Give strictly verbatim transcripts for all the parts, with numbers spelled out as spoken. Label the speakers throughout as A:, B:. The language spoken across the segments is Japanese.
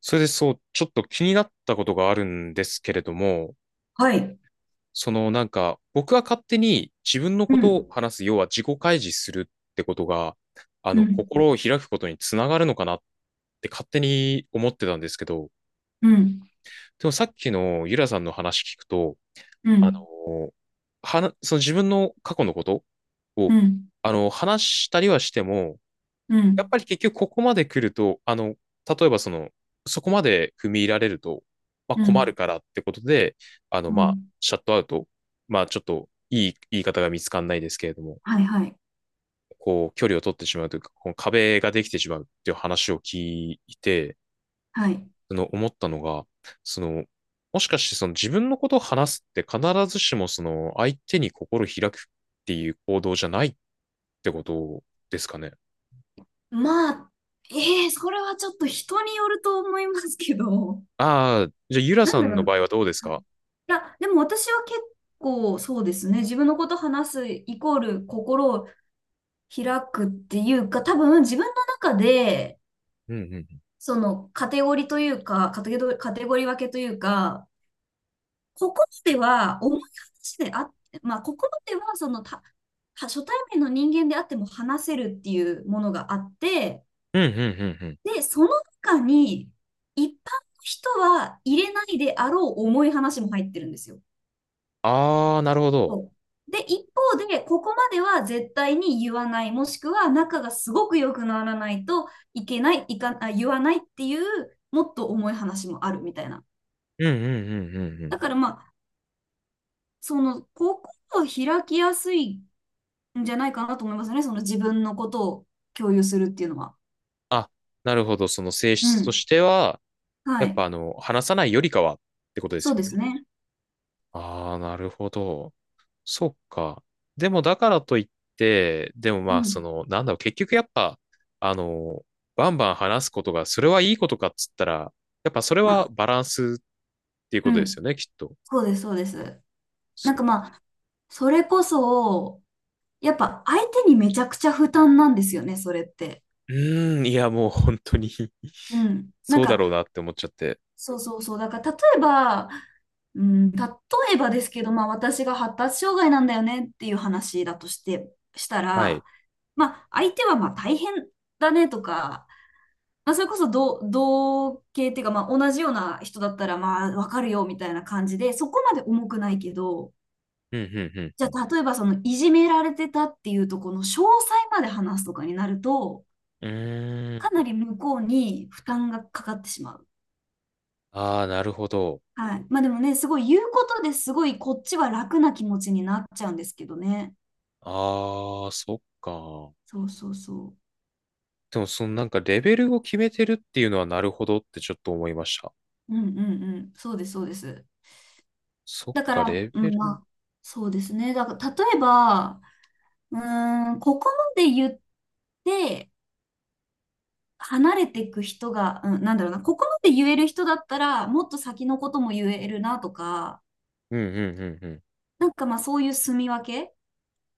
A: それでそう、ちょっと気になったことがあるんですけれども、
B: はい。
A: そのなんか、僕は勝手に自分の
B: う
A: こと
B: ん、
A: を話す、要は自己開示するってことが、あ
B: う
A: の、
B: ん、
A: 心を開くことにつながるのかなって勝手に思ってたんですけど、
B: うん、
A: でもさっきのゆらさんの話聞くと、
B: う
A: あ
B: ん、
A: の、はな、その自分の過去のこと
B: う
A: を、
B: ん、
A: あの、話したりはしても、
B: う
A: やっ
B: ん、
A: ぱり結局ここまで来ると、あの、例えばその、そこまで踏み入られると、まあ
B: う
A: 困る
B: ん、
A: からってことで、あの、
B: う
A: まあ、
B: ん。
A: シャットアウト、まあちょっといい言い方が見つかんないですけれども、
B: はい、はい、
A: こう、距離を取ってしまうというか、この壁ができてしまうっていう話を聞いて、
B: はい。
A: その思ったのが、その、もしかしてその自分のことを話すって必ずしもその相手に心開くっていう行動じゃないってことですかね。
B: まあ、ええそれはちょっと人によると思いますけど、
A: ああ、じゃあユラ
B: な
A: さ
B: んだ
A: ん
B: ろ
A: の
B: う。
A: 場合はどうですか？
B: いや、でも私は結構そうですね。自分のこと話すイコール心を開くっていうか、多分自分の中で、
A: うんうん
B: そのカテゴリーというか、カテゴリー、カテゴリー分けというか、ここまでは重い話であって、まあ、ここまではそのた、初対面の人間であっても話せるっていうものがあって、
A: うんうんうんうん。
B: で、その中に一般の人は入れないであろう重い話も入ってるんですよ。
A: ああ、なるほど。
B: そうで、一方で、ここまでは絶対に言わない、もしくは仲がすごく良くならないといけない、いか、あ、言わないっていう、もっと重い話もあるみたいな。
A: うんうんうんうんう
B: だか
A: ん。
B: らまあ、その、ここを開きやすいんじゃないかなと思いますね。その自分のことを共有するっていうのは。
A: あ、なるほど。その性
B: う
A: 質と
B: ん。
A: しては、
B: は
A: やっ
B: い。
A: ぱあの、話さないよりかはってことで
B: そ
A: す
B: うで
A: よ
B: す
A: ね。
B: ね。
A: ああ、なるほど。そっか。でもだからといって、でも
B: う
A: まあ、
B: ん。
A: その、なんだろう、結局やっぱ、あの、バンバン話すことが、それはいいことかっつったら、やっぱそれ
B: ま
A: は
B: あ、
A: バランスっていう
B: う
A: ことです
B: ん。
A: よね、きっと。
B: そうです、そうです。な
A: そ
B: んかまあ、それこそ、やっぱ相手にめちゃくちゃ負担なんですよね、それって。
A: う。うーん、いや、もう本当に
B: うん。なん
A: そうだろう
B: か、
A: なって思っちゃって。
B: そうそうそう。だから例えば、うん、例えばですけど、まあ私が発達障害なんだよねっていう話だとして、した
A: はい。
B: ら、まあ相手はまあ大変だねとか、まあ、それこそ同、同系っていうか、まあ、同じような人だったら、まあ、わかるよ、みたいな感じで、そこまで重くないけど、
A: うんうんう
B: じ
A: んう
B: ゃ
A: ん。
B: あ、例えば、その、いじめられてたっていうところの詳細まで話すとかになると、
A: うー
B: かな
A: ん。
B: り向こうに負担がかかってしまう。
A: ああ、なるほど。
B: はい。まあ、でもね、すごい言うことですごい、こっちは楽な気持ちになっちゃうんですけどね。
A: ああ、そっか。
B: そうそうそ
A: でも、そのなんかレベルを決めてるっていうのはなるほどってちょっと思いました。
B: う。うんうんうん。そうです、そうです。
A: そっ
B: だか
A: か、
B: ら、
A: レ
B: う
A: ベ
B: ん、ま
A: ル。
B: あ、そうですね。だから、例えば、うーん、ここまで言って、離れていく人が、うん、なんだろうな、ここまで言える人だったら、もっと先のことも言えるなとか、
A: うんうんうんうん。
B: なんかまあそういう住み分け、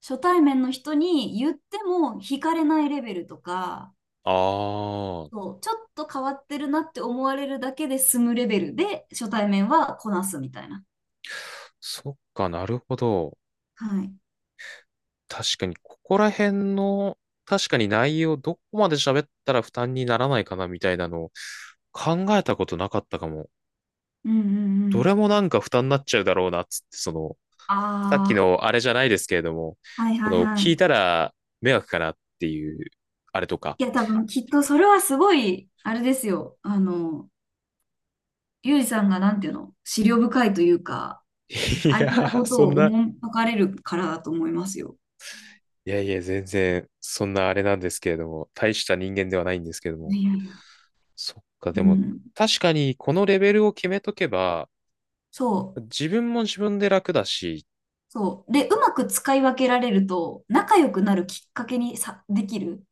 B: 初対面の人に言っても惹かれないレベルとか、
A: ああ、
B: そう、ちょっと変わってるなって思われるだけで済むレベルで初対面はこなすみたいな。
A: そっか、なるほど。
B: はい。
A: 確かに、ここら辺の、確かに内容、どこまで喋ったら負担にならないかなみたいなのを考えたことなかったかも。
B: うんうんう
A: ど
B: ん。
A: れもなんか負担になっちゃうだろうなつって、その、さっき
B: あ
A: のあれじゃないですけれども、
B: あ、はい
A: こ
B: はい
A: の
B: は
A: 聞
B: い。
A: いたら迷惑かなっていう、あれとか。
B: いや、多分きっとそれはすごい、あれですよ。あの、ゆうじさんがなんていうの、思慮深いというか、
A: い
B: 相
A: や
B: 手の
A: ー、
B: こと
A: そん
B: をお
A: な、
B: もんぱかれるからだと思いますよ。
A: いやいや、全然、そんなあれなんですけれども、大した人間ではないんですけれども。
B: いやいや。
A: そっか、
B: う
A: でも、
B: ん。
A: 確かにこのレベルを決めとけば、
B: そう。
A: 自分も自分で楽だし、
B: そう。で、うまく使い分けられると、仲良くなるきっかけにさ、できる。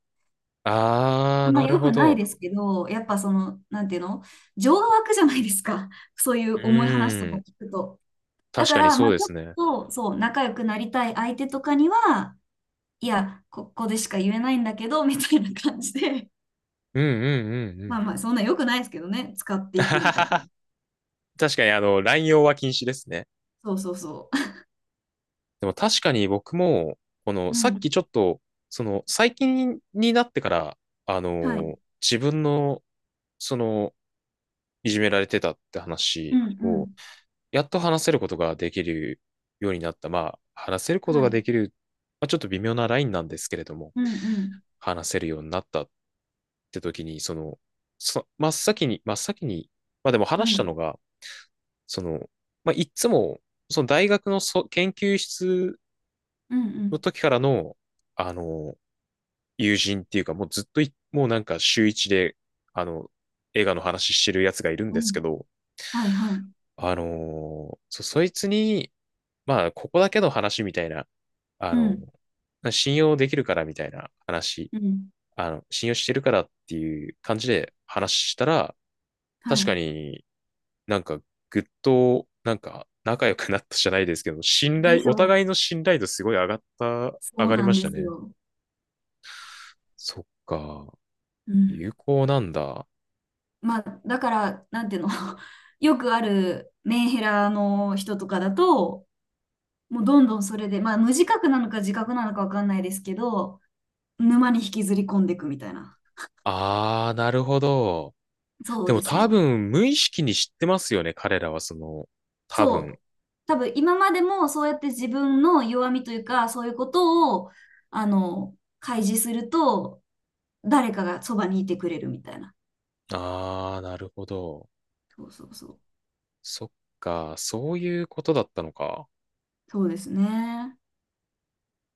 A: あ
B: あ
A: ー、
B: んま
A: なる
B: 良
A: ほ
B: くない
A: ど。
B: ですけど、やっぱその、なんていうの情が湧くじゃないですか。そうい
A: う
B: う重い話と
A: ー
B: か
A: ん、
B: 聞くと。だ
A: 確
B: か
A: かに
B: ら、
A: そ
B: ま
A: う
B: あ、
A: で
B: ちょっ
A: すね。
B: と、そう、仲良くなりたい相手とかには、いや、ここでしか言えないんだけど、みたいな感じで、
A: うんうんうんう
B: まあまあ、
A: ん。
B: そんな良くないですけどね、使っていくみたいな。
A: 確かに、あの、乱用は禁止ですね。
B: そうそうそ
A: でも確かに僕も、この、
B: う。
A: さ
B: う
A: っき
B: ん。
A: ちょっと、その、最近になってから、あ
B: はい。
A: の自分の、その、いじめられてたって
B: う
A: 話
B: んう
A: を、
B: ん。
A: やっと話せることができるようになった。まあ、話せること
B: は
A: が
B: い。
A: できる、まあ、ちょっと微妙なラインなんですけれども、
B: うんうん。
A: 話せるようになったって時に、その、そ、真っ先に、真っ先に、まあでも
B: う
A: 話したの
B: ん。
A: が、その、まあ、いっつも、その大学のそ研究室
B: うんう
A: の
B: ん。
A: 時からの、あの、友人っていうか、もうずっとい、もうなんか週一で、あの、映画の話してるやつがいるん
B: う
A: です
B: ん
A: けど、
B: はいはい。
A: あのーそ、そいつに、まあ、ここだけの話みたいな、あ
B: う
A: の、
B: ん
A: 信用できるからみたいな話、
B: うん。
A: あの、信用してるからっていう感じで話したら、
B: は
A: 確か
B: い。
A: になんかぐっと、なんか仲良くなったじゃないですけど、信
B: で
A: 頼、
B: し
A: お
B: ょう。
A: 互いの信頼度すごい上がった、
B: そ
A: 上
B: う
A: がり
B: な
A: ま
B: ん
A: し
B: で
A: た
B: す
A: ね。
B: よ。
A: そっか。
B: うん。
A: 有効なんだ。
B: まあ、だから、なんていうの よくあるメンヘラの人とかだと、もうどんどんそれで、まあ、無自覚なのか自覚なのかわかんないですけど、沼に引きずり込んでいくみたいな。
A: あー、なるほど。
B: そう
A: でも
B: です
A: 多
B: よ。
A: 分無意識に知ってますよね。彼らはその、多分。
B: そう、多分今までもそうやって自分の弱みというか、そういうことを、あの、開示すると、誰かがそばにいてくれるみたいな。
A: あー、なるほど。
B: そうそうそう。
A: そっか。そういうことだったのか。
B: そうですね。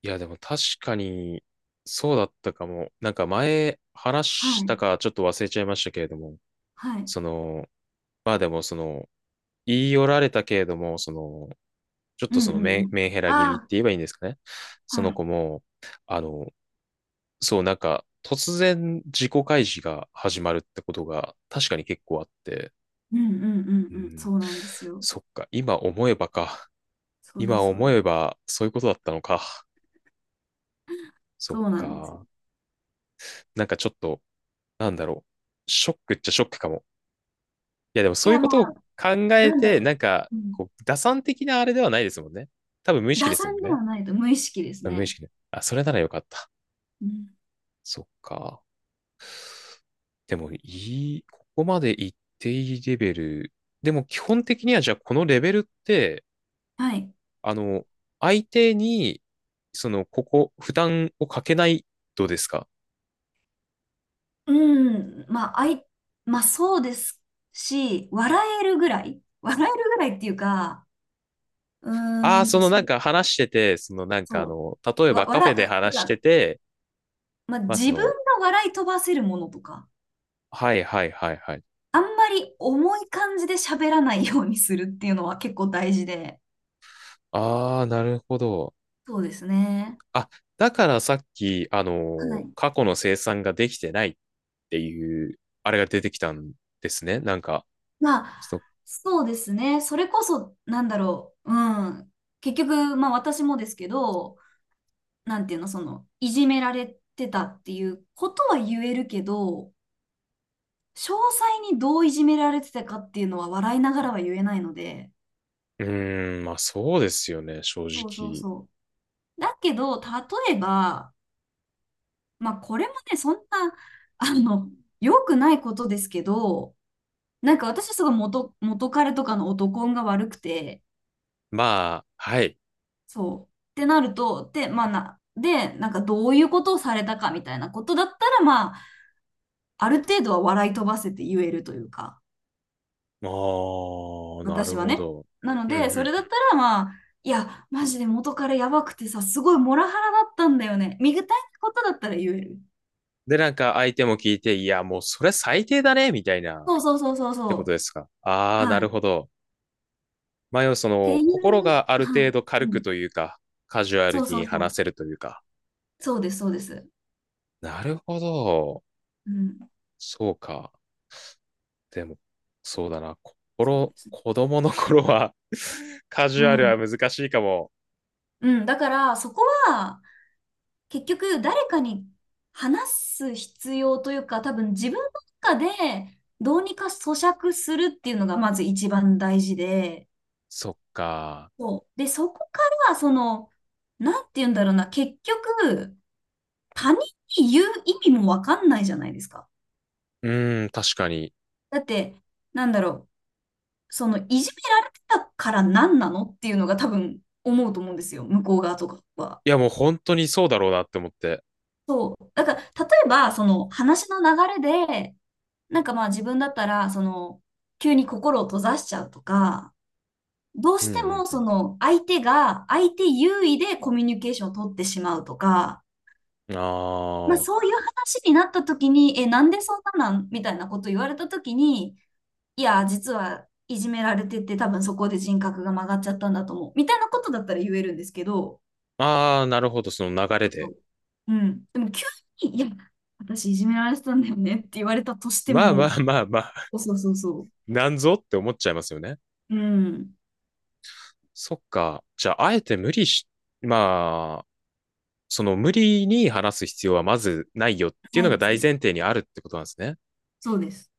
A: いや、でも確かに、そうだったかも。なんか前話
B: は
A: し
B: い、
A: たかちょっと忘れちゃいましたけれども、
B: はい。
A: その、まあでもその、言い寄られたけれども、その、ちょっ
B: うん
A: とそ
B: う
A: の
B: ん
A: メン、
B: うん。
A: メンヘラ気味って
B: あ
A: 言えばいいんですかね。
B: あ、
A: そ
B: は
A: の子
B: い。
A: も、あの、そう、なんか、突然自己開示が始まるってことが確かに結構あって、
B: うんうん
A: う
B: うんうん。
A: ん、
B: そうなんですよ。
A: そっか、今思えばか。
B: そうで
A: 今
B: す、そう
A: 思
B: です。
A: えばそういうことだったのか。そっ
B: そうなんですよ。
A: か。なんかちょっと、なんだろう。ショックっちゃショックかも。いや、でも
B: い
A: そういう
B: や、
A: こ
B: ま
A: とを
B: あ、
A: 考え
B: なんだ
A: て、
B: ろ
A: な
B: う。
A: んか、
B: うん、
A: こう、打算的なあれではないですもんね。多分無意識
B: 打
A: ですも
B: 算
A: ん
B: で
A: ね。
B: はないと無意識です
A: 多分無意
B: ね。
A: 識で。あ、それならよかった。
B: うん、
A: そっか。でもいい、ここまでいっていいレベル。でも基本的にはじゃあこのレベルって、
B: はい。
A: あの、相手に、その、ここ、負担をかけないうですか
B: うん、まあ、あい、まあそうですし、笑えるぐらい、笑えるぐらいっていうか、う
A: ああ
B: ー
A: ー、
B: ん
A: そ
B: と、
A: の
B: そ
A: なん
B: う、
A: か話してて、そのなんかあ
B: そ
A: の、例え
B: う、わ、
A: ばカフェ
B: 笑、
A: で
B: うんて
A: 話して
B: か、
A: て、
B: まあ
A: まあそ
B: 自分が
A: の、
B: 笑い飛ばせるものとか、
A: はいはいはいはい。
B: あんまり重い感じで喋らないようにするっていうのは結構大事で、
A: ああ、なるほど。
B: そうですね。
A: あ、だからさっき、あ
B: は
A: の、
B: い。
A: 過去の生産ができてないっていう、あれが出てきたんですね。なんか、
B: まあ、
A: その
B: そうですね。それこそ、なんだろう、うん。結局、まあ私もですけど、なんていうの、その、いじめられてたっていうことは言えるけど、詳細にどういじめられてたかっていうのは笑いながらは言えないので、
A: うーん、まあそうですよね、正
B: そうそう
A: 直。
B: そう。だけど、例えば、まあこれもね、そんな、あの、良くないことですけど、なんか私はすごい元、元彼とかの男運が悪くて、
A: まあ、はい。
B: そう。ってなると、で、まあな、で、なんかどういうことをされたかみたいなことだったら、まあ、ある程度は笑い飛ばせて言えるというか。
A: ああ、な
B: 私
A: る
B: は
A: ほ
B: ね。
A: ど。
B: なの
A: う
B: で、そ
A: ん
B: れだ
A: う
B: っ
A: ん。
B: たらまあ、いや、マジで元彼やばくてさ、すごいモラハラだったんだよね。見具体ことだったら言える。
A: で、なんか相手も聞いて、いや、もうそれ最低だね、みたいな、っ
B: そうそうそうそう
A: てこと
B: そ
A: ですか。あ
B: う。
A: あ、な
B: はい。
A: る
B: っ
A: ほど。まあ、要はそ
B: て
A: の、
B: い
A: 心
B: う、
A: がある
B: は
A: 程
B: い。
A: 度軽
B: う
A: くと
B: ん。
A: いうか、カジュア
B: そ
A: ル
B: うそ
A: に
B: うそ
A: 話
B: う。
A: せるというか。
B: そうです、そうです。
A: なるほど。
B: うん。
A: そうか。でも、そうだな。
B: そうで
A: 心、
B: すね。
A: 子供の頃は カジ
B: う
A: ュアル
B: ん。
A: は難しいかも。
B: うん。だから、そこは、結局、誰かに話す必要というか、多分自分の中で、どうにか咀嚼するっていうのが、まず一番大事で、
A: そっか。
B: そう。で、そこから、その、なんて言うんだろうな、結局、他人に言う意味もわかんないじゃないですか。
A: うーん、確かに。
B: だって、なんだろう、その、いじめられてたから何なのっていうのが多分思うと思うんですよ、向こう側とかは。
A: いや、もう本当にそうだろうなって思って。
B: そう。だから、例えば、その、話の流れで、なんかまあ自分だったら、その、急に心を閉ざしちゃうとか、どう
A: う
B: して
A: ん
B: も
A: う
B: そ
A: ん
B: の相手が相手優位でコミュニケーションを取ってしまうとか、
A: うん。
B: まあ、
A: あ
B: そういう話になった時に、え、なんでそんななんみたいなこと言われた時に、いや、実はいじめられてて、多分そこで人格が曲がっちゃったんだと思う。みたいなことだったら言えるんですけど、
A: あ、ああ、なるほど、その流れ
B: そうそ
A: で。
B: ううん。でも急に、いや、私いじめられてたんだよねって言われたとして
A: まあま
B: も、
A: あまあまあ、
B: そうそうそうそ
A: なんぞって思っちゃいますよね。
B: う。うん、
A: そっか。じゃあ、あえて無理し、まあ、その無理に話す必要はまずないよっていう
B: な
A: の
B: い
A: が
B: です
A: 大
B: ね。
A: 前提にあるってことなんですね。
B: そうです。